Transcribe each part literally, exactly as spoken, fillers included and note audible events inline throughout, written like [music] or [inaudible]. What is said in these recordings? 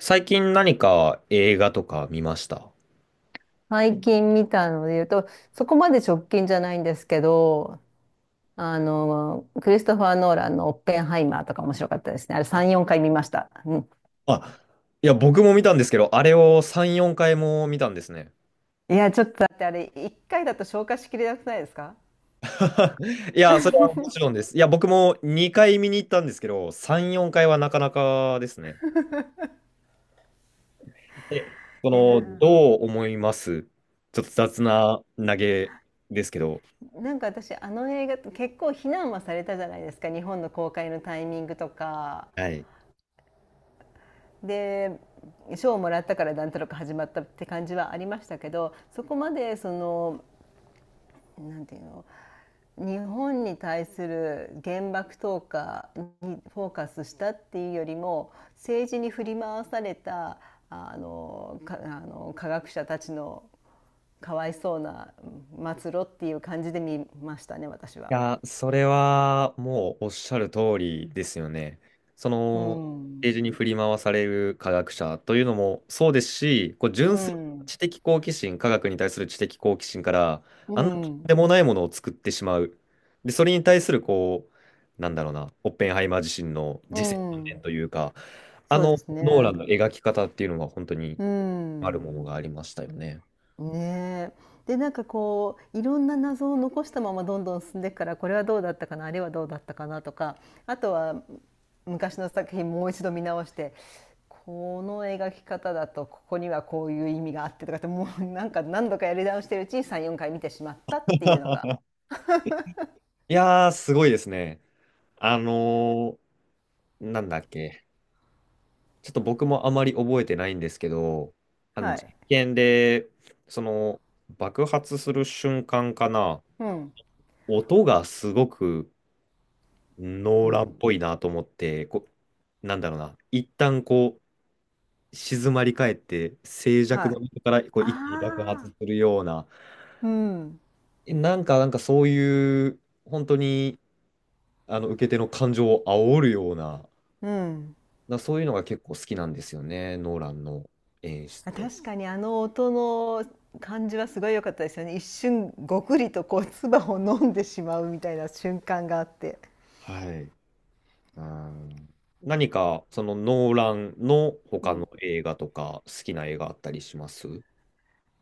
最近何か映画とか見ました？最近見たので言うと、そこまで直近じゃないんですけど、あの、クリストファー・ノーランのオッペンハイマーとか面白かったですね。あれさん、よんかい見ました。うん。あ、いや、僕も見たんですけど、あれをさん、よんかいも見たんですね。いや、ちょっとだってあれ、いっかいだと消化しきれなくないですか？ [laughs] い [laughs] や、そいれはもちろんです。いや、僕もにかい見に行ったんですけど、さん、よんかいはなかなかですね。え、その、やどう思います？ちょっと雑な投げですけど。ー、なんか私あの映画結構非難はされたじゃないですか。日本の公開のタイミングとかはいで賞をもらったからなんとなく始まったって感じはありましたけど、そこまでその、なんていうの、日本に対する原爆投下にフォーカスしたっていうよりも、政治に振り回されたあのかあの科学者たちのかわいそうな末路っていう感じで見ましたね、私は。や、それはもうおっしゃる通りですよね。そうの、ペーん、ジに振り回される科学者というのもそうですし、こうう純粋なん、知的好奇心、科学に対する知的好奇心から、うあんなとんん、でもないものを作ってしまう。で、それに対する、こう、なんだろうな、オッペンハイマー自身のう自責点ん、というか、あそうでのすノーラね。ンの描き方っていうのが本当にうあるもん。のがありましたよね。ねえ。で、なんかこういろんな謎を残したままどんどん進んでいくから、これはどうだったかな、あれはどうだったかなとか、あとは昔の作品もう一度見直して、この描き方だとここにはこういう意味があってとかって、もうなんか何度かやり直してるうちにさん、よんかい見てしまったっていうのが。 [laughs] いやー、すごいですね。あのーなんだっけ。ちょっと僕もあまり覚えてないんですけど、あのはい。実験で、その爆発する瞬間かな、うん。音がすごくノうーランっん。ぽいなと思って、こう、なんだろうな、一旦こう、静まり返って、静寂はのい。中からこうあ一気に爆発すあ。るような、うん。えなんか、なんかそういう、本当に、あの、受け手の感情を煽るような、うん。なそういうのが結構好きなんですよね、ノーランの演あ、出。確かにあの音の感じはすごい良かったですよね。一瞬ごくりとこう唾を飲んでしまうみたいな瞬間があって。はい。うん何か、そのノーランのう他のん。映画とか、好きな映画あったりします？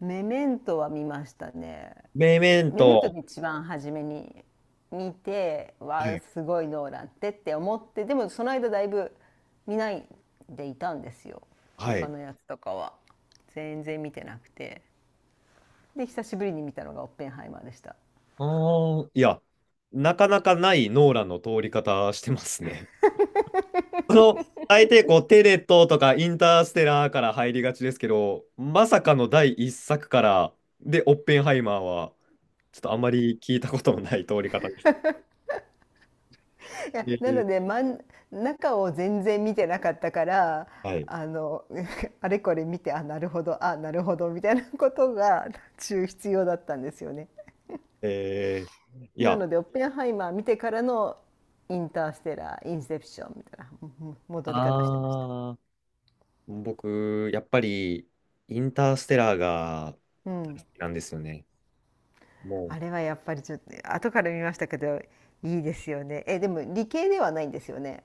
メメントは見ましたね。メメンメメントト。で一番初めに見て、わはあ、い。すごいノーランってって思って、でもその間だいぶ見ないでいたんですよ。は他い。のやつとかは。全然見てなくて。で、久しぶりに見たのがオッペンハイマーでした。ああ、いや、なかなかないノーランの通り方してますね。[laughs] この、大抵こう、テネットとかインターステラーから入りがちですけど、まさかの第一作から、で、オッペンハイマーは、ちょっとあんまり聞いたことのない通り方です。いえや、なーので、まん中を全然見てなかったから、はい。あの [laughs]、あれこれ見て、あ、なるほど、あ、なるほど、みたいなことが [laughs]、中必要だったんですよね。えー、いなや、ので、オッペンハイマー見てからのインターステラー、インセプションみたいな、うん、戻り方してましあ僕、やっぱり、インターステラーがた。う大ん。好きなんですよね。もあう、れはやっぱりちょっと、後から見ましたけど、いいですよね。え、でも理系ではないんですよね。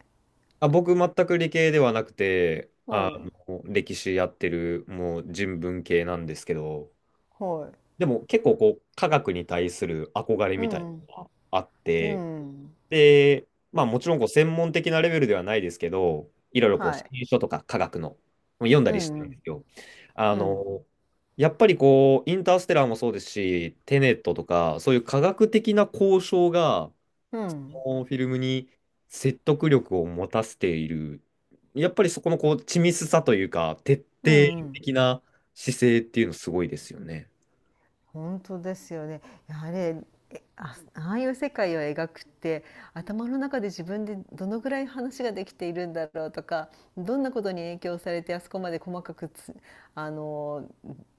あ、僕、全く理系ではなくて、うあん。の、歴史やってる、もう人文系なんですけど、はい。でも結構こう、科学に対する憧れうみたいん。なのがあっうて、ん。で、まあもちろんこう専門的なレベルではないですけど、いろいろこう、はい。新書とか科学の読んだうりしてるんでん。すよ。あうん。の、やっぱりこう、インターステラーもそうですし、テネットとか、そういう科学的な交渉が、うん。このフィルムに説得力を持たせている、やっぱりそこのこう、緻密さというか、徹うんう底ん。的な姿勢っていうのすごいですよね。本当ですよね。いやあれ、えあ、ああいう世界を描くって、頭の中で自分でどのぐらい話ができているんだろうとか、どんなことに影響されてあそこまで細かくつ、あの、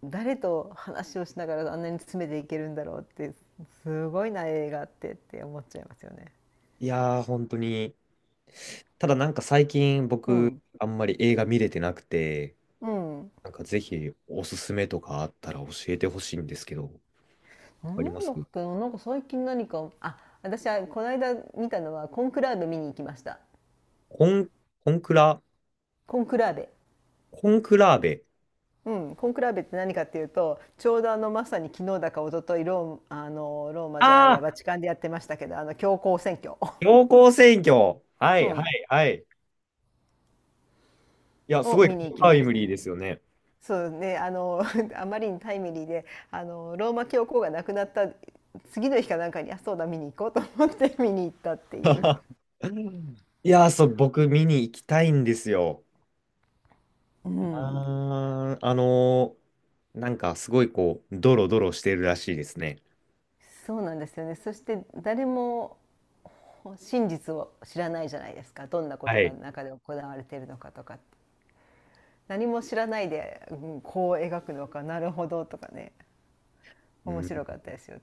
誰と話をしながらあんなに詰めていけるんだろうって、すごいな映画ってって思っちゃいますよね。いやー、本当に。ただなんか最近う僕、ん。あんまり映画見れてなくて、うん。なんかぜひおすすめとかあったら教えてほしいんですけど、なんあります？だっけな、なんか最近何か、あ、私はこの間見たのはコンクラーベ、見に行きました。コン、コンクラ、コンクラーベ。コンクラーベ。うん、コンクラベって何かっていうと、ちょうどあのまさに昨日だか一昨日、ローあのローマじゃないあや、あ、バチカンでやってましたけど、あの教皇選挙、[laughs] 強行選挙。はういはん、いはい。いや、すをごい見に行きタまイしムたリーでね。すよね。そうね、あの [laughs] あまりにタイムリーで、あのローマ教皇が亡くなった次の日かなんかに、あ、そうだ、見に行こうと思って見に行ったっていう。うんいやー、そう、僕見に行きたいんですよ。うあん、ー、あのーなんかすごいこう、ドロドロしてるらしいですね。そうなんですよね。そして誰も真実を知らないじゃないですか、どんなこはとがい。中で行われているのかとかって。何も知らないで、うん、こう描くのか、なるほどとかね、う面ん、白かったですよ。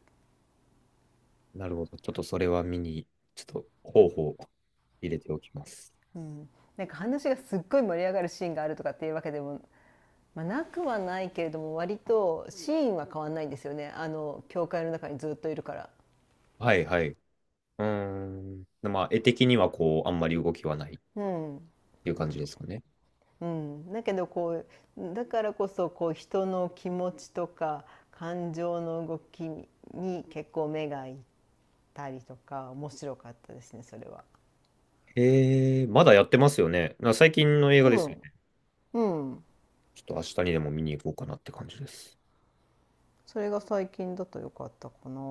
なるほど。ちょっとそれは見に、ちょっと候補を入れておきます。なんか話がすっごい盛り上がるシーンがあるとかっていうわけでも、まあ、なくはないけれども、割とシーンは変わんないんですよね、あの教会の中にずっといるから。はいはい。うーん。まあ、絵的にはこう、あんまり動きはないっうんていう感じですかね。うん、だけどこうだからこそ、こう人の気持ちとか感情の動きに結構目がいったりとか面白かったですね、それは。えー、まだやってますよね。な最近の映画多ですよ分、ね。うん、ちょっと明日にでも見に行こうかなって感じです。それが最近だと良かったかな。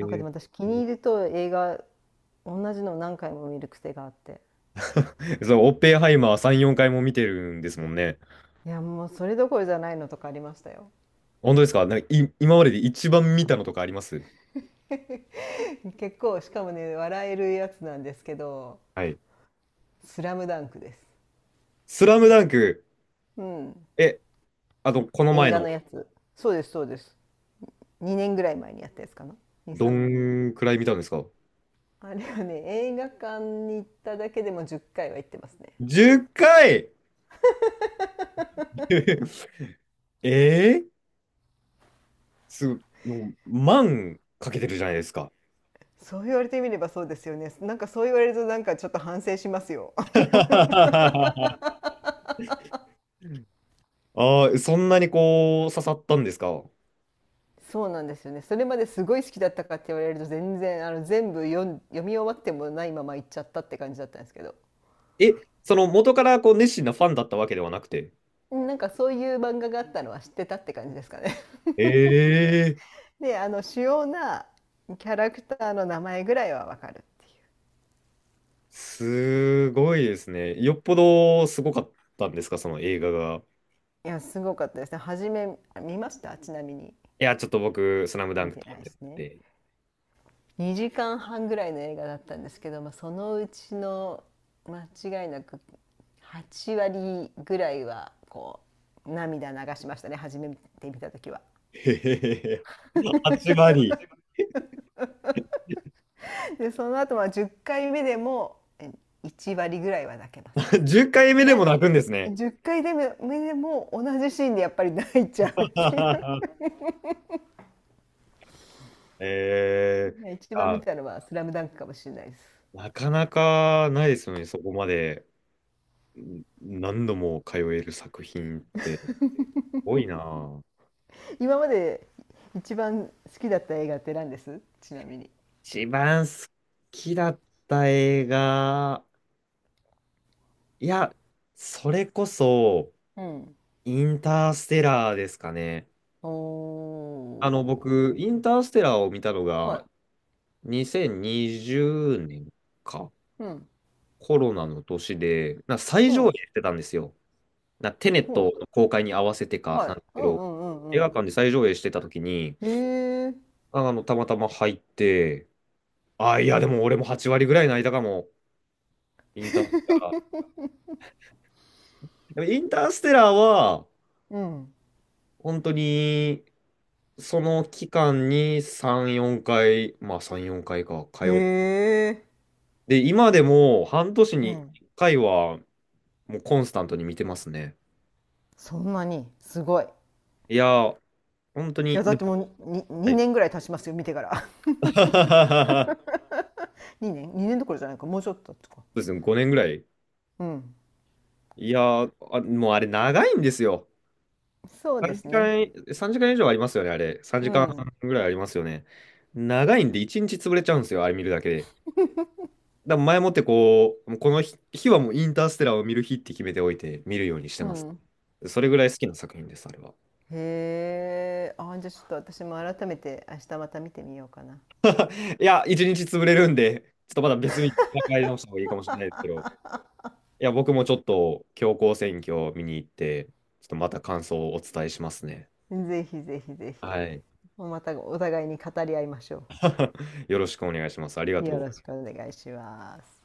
なんかでも私気にー、入ると映画同じの何回も見る癖があって。そう、オッペンハイマーさん、よんかいも見てるんですもんね。いやもう、それどころじゃないのとかありましたよ。本当ですか？なんかい、今までで一番見たのとかあります？ [laughs] 結構、しかもね、笑えるやつなんですけどはい。「スラムダンクです。スラムダンク、うん。え、あと、この映前画のの、やつ。そうです、そうです。にねんぐらい前にやったやつかな。に、どさんねんまえ。んくらい見たんですか？ あれはね、映画館に行っただけでもじゅっかいは行ってますね。じゅう 回 [laughs] えー、すごい、もう、万かけてるじゃないですか。そう言われてみればそうですよね。なんかそう言われるとなんかちょっと反省しますよ。[laughs] ああ、そんなにこう、刺さったんですか？そうなんですよね。それまですごい好きだったかって言われると、全然、あの全部読ん読み終わってもないまま行っちゃったって感じだったんですけど、え、その元からこう熱心なファンだったわけではなくて。うん、なんかそういう漫画があったのは知ってたって感じですかね。ええ [laughs] で、あの主要なキャラクターの名前ぐらいはわかるっていう。すごいですね。よっぽどすごかったんですか、その映画が。いや、すごかったですね。初め見ましたちなみに？いや、ちょっと僕、スラムダン見クて撮ないっでてすね。て。にじかんはんぐらいの映画だったんですけど、まあ、そのうちの間違いなくはち割ぐらいはこう涙流しましたね、初めて見た時は。へへへへ。はち割。でその後はじゅっかいめでもえいち割ぐらいは泣けます [laughs] ね。じゅっかいめなでも泣くんですね。じゅっかいでも目でも同じシーンでやっぱり泣いちゃうっていう。 [laughs] ええ [laughs] 一番見あ、たのは「スラムダンクかもしれないです。なかなかないですよね、そこまでん何度も通える作品って。多いなぁ。今まで一番好きだった映画って何ですちなみに？一番好きだった映画、いや、それこそ、うん。インターステラーですかね。おあの、僕、ー。インターステラーを見たのはが、い。にせんにじゅうねんか、うん。コロナの年で、な最う上映ん。してたんですよ。なテネッほトの公開に合わせてう。かはない。んですうけんうど、映んう画ん館で最上映してた時に、うん。へえ。あの、たまたま入って、あ、いや、でも俺もはち割ぐらい泣いたかも、インターステ [laughs] でもインターステラーは、うん。本当に、その期間にさん、よんかい、まあさん、よんかいかいか、通へっえ。て、今でも半年にう1ん。回は、もうコンスタントに見てますね。そんなに、すごい。いいや、本当に、や、だでっても、もうに、にはい。 にねんぐらい経ちますよ、見てから。[laughs] そ [laughs] にねん？ に 年どころじゃないか、もうちょっととか。うですね、ごねんぐらい。うん。いや、あ、もうあれ長いんですよ。そうで3すね。時間、さんじかん以上ありますよね、あれ。3う時間ん。半ぐらいありますよね。長いんで、いちにち潰れちゃうんですよ、あれ見るだけで。だから前もってこう、もうこの日、日はもうインターステラーを見る日って決めておいて見るようにしてうます。ん。それぐらい好きな作品です、あれは。へえ。あ、じゃあちょっと私も改めて明日また見てみようかな。いや、一日潰れるんで、ちょっとまだ別日に考え直した方がいいかもしれないですけど、いや、僕もちょっと強行選挙を見に行って、ちょっとまた感想をお伝えしますね。ぜひぜひぜひ。はい。またお互いに語り合いましょ [laughs] よろしくお願いします。ありがう。よとろう。しくお願いします。